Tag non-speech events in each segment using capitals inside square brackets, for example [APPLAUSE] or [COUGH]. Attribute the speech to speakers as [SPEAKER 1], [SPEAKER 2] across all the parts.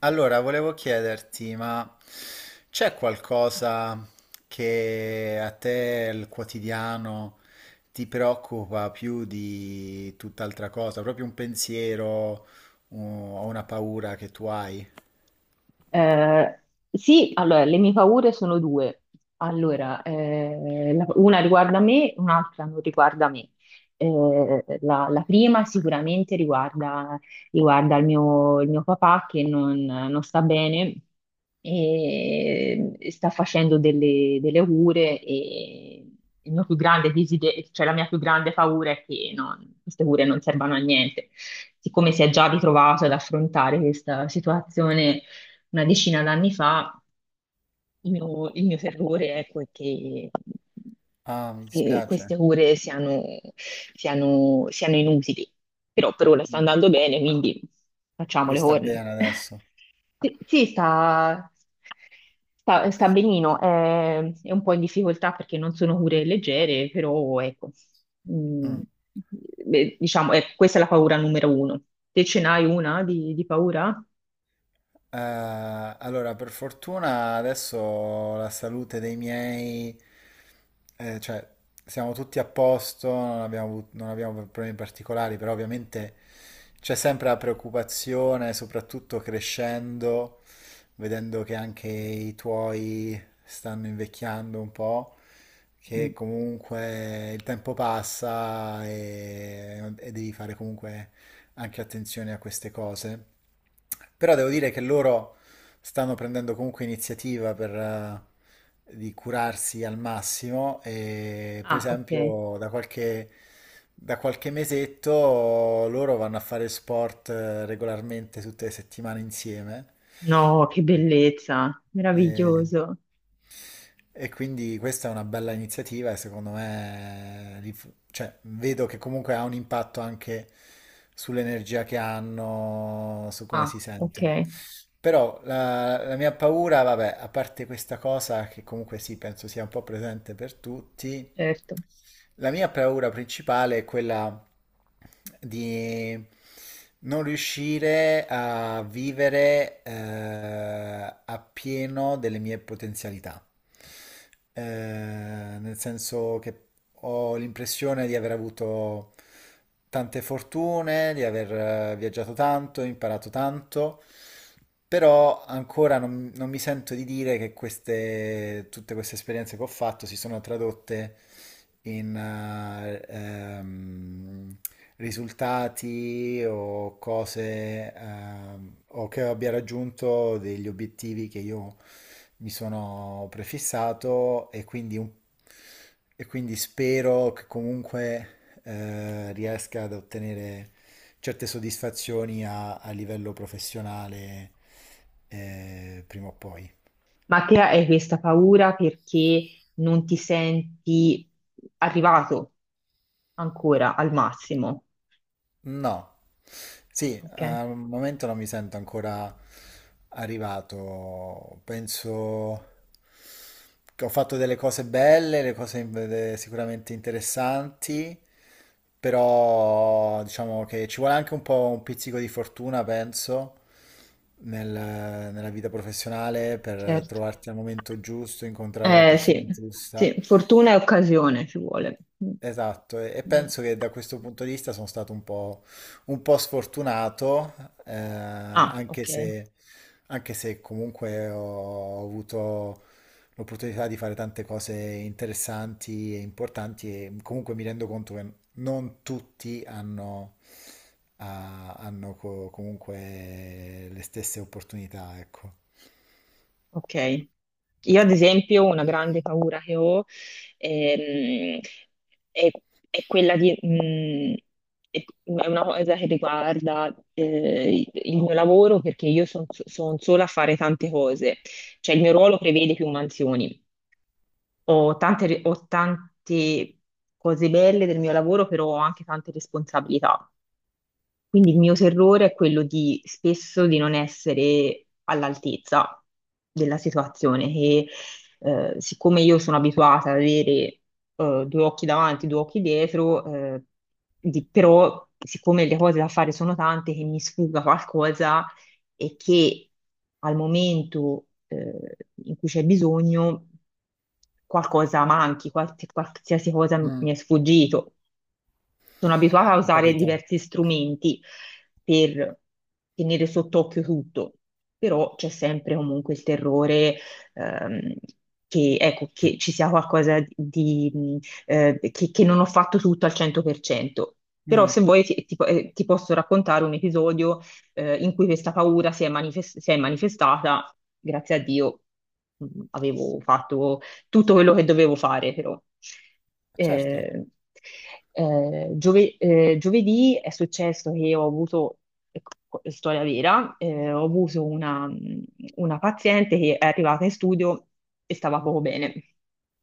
[SPEAKER 1] Allora, volevo chiederti, ma c'è qualcosa che a te il quotidiano ti preoccupa più di tutt'altra cosa? Proprio un pensiero o una paura che tu hai?
[SPEAKER 2] Eh, sì, allora, le mie paure sono due. Allora, una riguarda me, un'altra non riguarda me. La prima sicuramente riguarda il mio papà che non sta bene e sta facendo delle cure e il mio più grande desiderio, cioè la mia più grande paura è che queste cure non servano a niente. Siccome si è già ritrovato ad affrontare questa situazione una decina d'anni fa, il mio terrore ecco, è che,
[SPEAKER 1] Ah, mi
[SPEAKER 2] che
[SPEAKER 1] dispiace.
[SPEAKER 2] queste cure siano inutili. Però per ora sta andando bene, quindi facciamo
[SPEAKER 1] Lui
[SPEAKER 2] le
[SPEAKER 1] sta
[SPEAKER 2] corna.
[SPEAKER 1] bene
[SPEAKER 2] [LAUGHS]
[SPEAKER 1] adesso.
[SPEAKER 2] Sì, sì, sta benino, è un po' in difficoltà perché non sono cure leggere, però ecco, mm,
[SPEAKER 1] Mm.
[SPEAKER 2] beh, diciamo, ecco, questa è la paura numero uno. Te ce n'hai una di paura?
[SPEAKER 1] Allora, per fortuna adesso la salute dei miei, cioè siamo tutti a posto, non abbiamo, non abbiamo problemi particolari, però ovviamente c'è sempre la preoccupazione, soprattutto crescendo, vedendo che anche i tuoi stanno invecchiando un po',
[SPEAKER 2] Mm.
[SPEAKER 1] che comunque il tempo passa e devi fare comunque anche attenzione a queste cose. Però devo dire che loro stanno prendendo comunque iniziativa per, di curarsi al massimo e per
[SPEAKER 2] Ah, ok.
[SPEAKER 1] esempio da qualche mesetto loro vanno a fare sport regolarmente tutte le settimane insieme.
[SPEAKER 2] No, che bellezza,
[SPEAKER 1] E,
[SPEAKER 2] meraviglioso.
[SPEAKER 1] e quindi questa è una bella iniziativa e secondo me li cioè, vedo che comunque ha un impatto anche sull'energia che hanno, su come si
[SPEAKER 2] Ah, ok,
[SPEAKER 1] sentono. Però la mia paura, vabbè, a parte questa cosa che comunque sì, penso sia un po' presente per tutti,
[SPEAKER 2] certo.
[SPEAKER 1] la mia paura principale è quella di non riuscire a vivere appieno delle mie potenzialità, eh, nel senso che ho l'impressione di aver avuto tante fortune, di aver viaggiato tanto, imparato tanto, però ancora non mi sento di dire che tutte queste esperienze che ho fatto si sono tradotte in risultati o cose o che abbia raggiunto degli obiettivi che io mi sono prefissato e e quindi spero che comunque riesca ad ottenere certe soddisfazioni a livello professionale, prima o poi.
[SPEAKER 2] Ma te hai questa paura perché non ti senti arrivato ancora al massimo.
[SPEAKER 1] No, sì,
[SPEAKER 2] Ok,
[SPEAKER 1] al momento non mi sento ancora arrivato. Penso che ho fatto delle cose belle, le cose sicuramente interessanti, però diciamo che ci vuole anche un po' un pizzico di fortuna, penso, nella vita professionale per
[SPEAKER 2] certo.
[SPEAKER 1] trovarti al momento giusto, incontrare la persona
[SPEAKER 2] Sì,
[SPEAKER 1] giusta.
[SPEAKER 2] sì, fortuna e occasione ci vuole. Mm,
[SPEAKER 1] Esatto, e
[SPEAKER 2] mm.
[SPEAKER 1] penso che da questo punto di vista sono stato un po' sfortunato, eh,
[SPEAKER 2] Ah,
[SPEAKER 1] anche
[SPEAKER 2] ok.
[SPEAKER 1] se, anche se comunque ho avuto l'opportunità di fare tante cose interessanti e importanti e comunque mi rendo conto che non tutti hanno, hanno comunque le stesse opportunità, ecco.
[SPEAKER 2] Ok. Io, ad esempio, una grande paura che ho, ehm, è, è quella di, è una cosa che riguarda, il mio lavoro perché io sono sola a fare tante cose, cioè il mio ruolo prevede più mansioni. Ho tante cose belle del mio lavoro, però ho anche tante responsabilità. Quindi il mio terrore è quello di spesso di non essere all'altezza della situazione, che siccome io sono abituata ad avere, due occhi davanti, due occhi dietro, eh, però siccome le cose da fare sono tante, che mi sfugga qualcosa e che al momento, in cui c'è bisogno qualcosa manchi, qualsiasi cosa
[SPEAKER 1] Mm.
[SPEAKER 2] mi è sfuggito. Sono abituata a
[SPEAKER 1] Ho
[SPEAKER 2] usare
[SPEAKER 1] capito?
[SPEAKER 2] diversi strumenti per tenere sott'occhio tutto, però c'è sempre comunque il terrore, ehm, che, ecco,
[SPEAKER 1] Mm.
[SPEAKER 2] che ci sia qualcosa di, che non ho fatto tutto al 100%. Però
[SPEAKER 1] Mm,
[SPEAKER 2] se vuoi ti posso raccontare un episodio, in cui questa paura si è manifestata, grazie a Dio, avevo fatto tutto quello che dovevo fare, però.
[SPEAKER 1] certo.
[SPEAKER 2] Eh, Giovedì è successo che ho avuto, ecco, storia vera, ho avuto una paziente che è arrivata in studio e stava poco bene.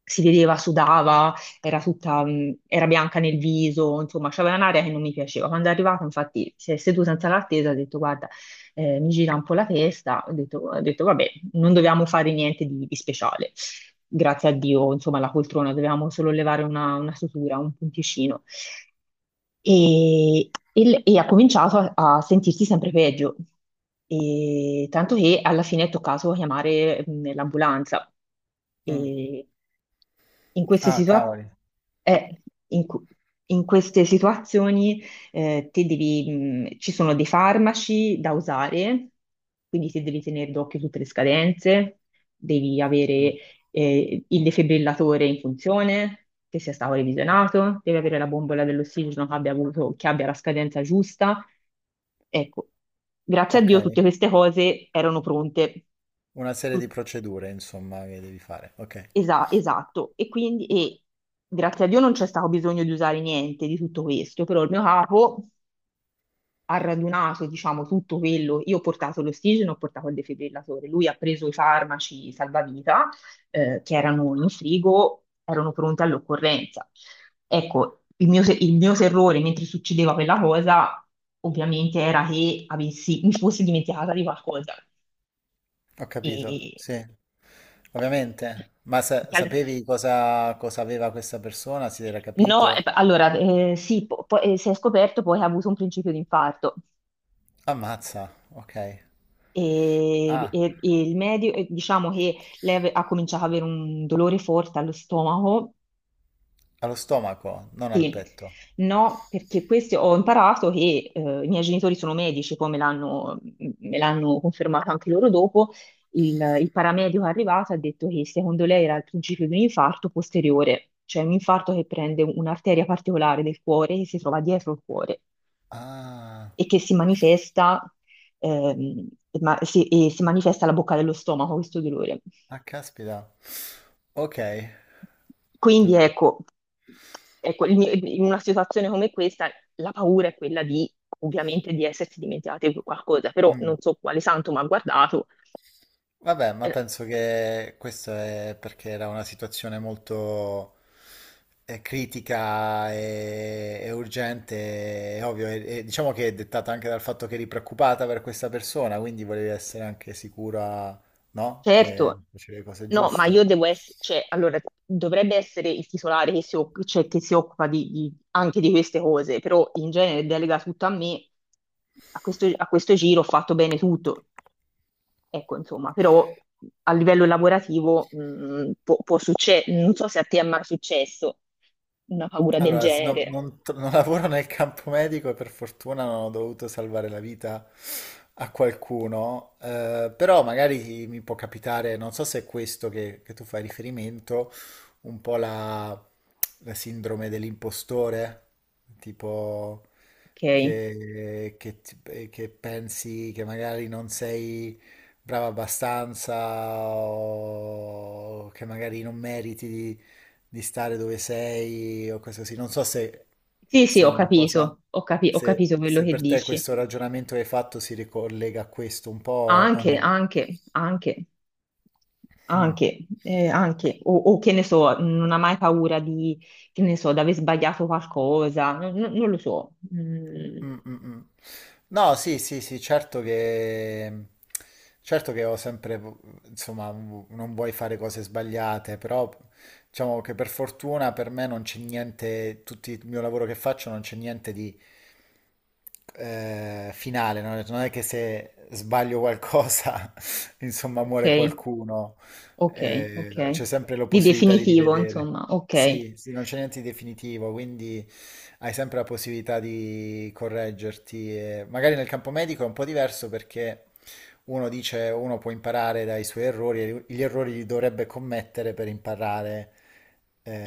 [SPEAKER 2] Si vedeva, sudava, era tutta, era bianca nel viso, insomma, c'aveva un'aria che non mi piaceva. Quando è arrivata, infatti, si è seduta in sala d'attesa e ha detto: "Guarda, mi gira un po' la testa". Ho detto vabbè, non dovevamo fare niente di speciale. Grazie a Dio, insomma, la poltrona, dovevamo solo levare una sutura, un punticino. E, e ha cominciato a sentirsi sempre peggio, e tanto che alla fine è toccato chiamare, l'ambulanza.
[SPEAKER 1] Mm.
[SPEAKER 2] E in queste
[SPEAKER 1] Ah,
[SPEAKER 2] situa-
[SPEAKER 1] cavoli.
[SPEAKER 2] eh, in cu- In queste situazioni, te devi, ci sono dei farmaci da usare, quindi ti devi tenere d'occhio tutte le scadenze, devi
[SPEAKER 1] Mm.
[SPEAKER 2] avere, il defibrillatore in funzione, che sia stato revisionato, devi avere la bombola dell'ossigeno che abbia avuto, che abbia la scadenza giusta. Ecco, grazie a
[SPEAKER 1] Ok.
[SPEAKER 2] Dio tutte queste cose erano pronte.
[SPEAKER 1] Una serie di
[SPEAKER 2] Tut-
[SPEAKER 1] procedure, insomma, che devi fare. Ok,
[SPEAKER 2] esatto, e quindi grazie a Dio non c'è stato bisogno di usare niente di tutto questo, però il mio capo ha radunato, diciamo, tutto quello. Io ho portato l'ossigeno, ho portato il defibrillatore. Lui ha preso i farmaci salvavita, che erano in frigo, erano pronti all'occorrenza. Ecco, il mio, se- il mio terrore mentre succedeva quella cosa, ovviamente, era che mi fossi dimenticata di qualcosa.
[SPEAKER 1] ho capito.
[SPEAKER 2] E,
[SPEAKER 1] Sì, ovviamente. Ma
[SPEAKER 2] che al-
[SPEAKER 1] sapevi cosa aveva questa persona? Si era
[SPEAKER 2] No,
[SPEAKER 1] capito?
[SPEAKER 2] allora, sì, poi, si è scoperto poi che ha avuto un principio di infarto.
[SPEAKER 1] Ammazza, ok.
[SPEAKER 2] e,
[SPEAKER 1] Ah,
[SPEAKER 2] e- e il medio, e diciamo che ha cominciato ad avere un dolore forte allo stomaco.
[SPEAKER 1] allo stomaco, non al
[SPEAKER 2] Sì,
[SPEAKER 1] petto.
[SPEAKER 2] no, perché questo ho imparato che, i miei genitori sono medici, poi me l'hanno confermato anche loro dopo. Il paramedico è arrivato e ha detto che secondo lei era il principio di un infarto posteriore, cioè un infarto che prende un'arteria particolare del cuore che si trova dietro il cuore
[SPEAKER 1] Ah,
[SPEAKER 2] e che si manifesta, ehm, e si manifesta alla bocca dello stomaco questo dolore.
[SPEAKER 1] ah, caspita. Ok.
[SPEAKER 2] Quindi ecco, ecco, in una situazione come questa la paura è quella di, ovviamente, di essersi dimenticati qualcosa, però
[SPEAKER 1] Mm.
[SPEAKER 2] non so quale santo mi ha guardato.
[SPEAKER 1] Vabbè, ma
[SPEAKER 2] Eh,
[SPEAKER 1] penso che questo è perché era una situazione molto critica e urgente, è ovvio, e diciamo che è dettata anche dal fatto che eri preoccupata per questa persona, quindi volevi essere anche sicura, no? Che
[SPEAKER 2] Certo,
[SPEAKER 1] facevi le cose
[SPEAKER 2] no, ma io
[SPEAKER 1] giuste.
[SPEAKER 2] devo essere, cioè, allora, dovrebbe essere il titolare che cioè, che si occupa anche di queste cose, però in genere delega tutto a me. A questo giro ho fatto bene tutto. Ecco, insomma, però a livello lavorativo, può succedere, non so se a te è mai successo una paura del
[SPEAKER 1] Allora,
[SPEAKER 2] genere,
[SPEAKER 1] non non lavoro nel campo medico e per fortuna non ho dovuto salvare la vita a qualcuno, però magari mi può capitare, non so se è questo che tu fai riferimento, un po' la sindrome dell'impostore, tipo
[SPEAKER 2] ok?
[SPEAKER 1] che che pensi che magari non sei brava abbastanza o che magari non meriti di stare dove sei o cose così. Non so se,
[SPEAKER 2] Sì, sì,
[SPEAKER 1] se è
[SPEAKER 2] ho
[SPEAKER 1] una cosa,
[SPEAKER 2] capito, ho capi- ho
[SPEAKER 1] se,
[SPEAKER 2] capito quello
[SPEAKER 1] se
[SPEAKER 2] che
[SPEAKER 1] per te
[SPEAKER 2] dici.
[SPEAKER 1] questo ragionamento che hai fatto si ricollega a questo un po' o
[SPEAKER 2] Anche,
[SPEAKER 1] no.
[SPEAKER 2] anche, anche,
[SPEAKER 1] Mm.
[SPEAKER 2] anche, o che ne so, non ha mai paura di, che ne so, di aver sbagliato qualcosa, non lo so. Mm,
[SPEAKER 1] Mm, mm, mm. No, sì, sì, sì, certo che ho sempre, insomma, non vuoi fare cose sbagliate, però diciamo che per fortuna per me non c'è niente, tutto il mio lavoro che faccio non c'è niente di, finale, no? Ho detto, non è che se sbaglio qualcosa, [LAUGHS] insomma,
[SPEAKER 2] ok,
[SPEAKER 1] muore qualcuno,
[SPEAKER 2] ok, ok.
[SPEAKER 1] c'è sempre la
[SPEAKER 2] Di
[SPEAKER 1] possibilità di
[SPEAKER 2] definitivo,
[SPEAKER 1] rivedere.
[SPEAKER 2] insomma, ok.
[SPEAKER 1] Sì, sì, non c'è niente di definitivo, quindi hai sempre la possibilità di correggerti. E magari nel campo medico è un po' diverso perché uno dice, uno può imparare dai suoi errori, e gli errori li dovrebbe commettere per imparare.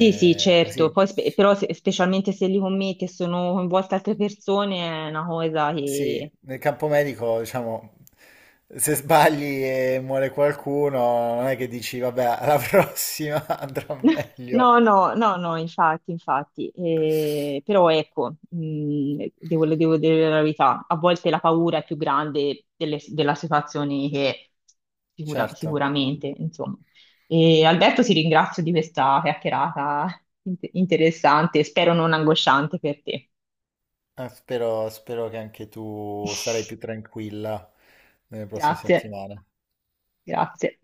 [SPEAKER 2] Sì, sì, certo,
[SPEAKER 1] Così.
[SPEAKER 2] poi però specialmente se li commetti e sono coinvolte altre persone è una cosa
[SPEAKER 1] Sì,
[SPEAKER 2] che...
[SPEAKER 1] nel campo medico, diciamo, se sbagli e muore qualcuno, non è che dici, vabbè, alla [LAUGHS] prossima andrà
[SPEAKER 2] [LAUGHS]
[SPEAKER 1] meglio.
[SPEAKER 2] No, no, no, no, infatti, infatti, però ecco, devo dire la verità, a volte la paura è più grande della situazione che
[SPEAKER 1] Certo,
[SPEAKER 2] sicuramente, insomma. E, Alberto, ti ringrazio di questa chiacchierata interessante, spero non angosciante per te.
[SPEAKER 1] Spero, spero che anche tu sarai più
[SPEAKER 2] [LAUGHS]
[SPEAKER 1] tranquilla nelle prossime
[SPEAKER 2] Grazie,
[SPEAKER 1] settimane.
[SPEAKER 2] grazie.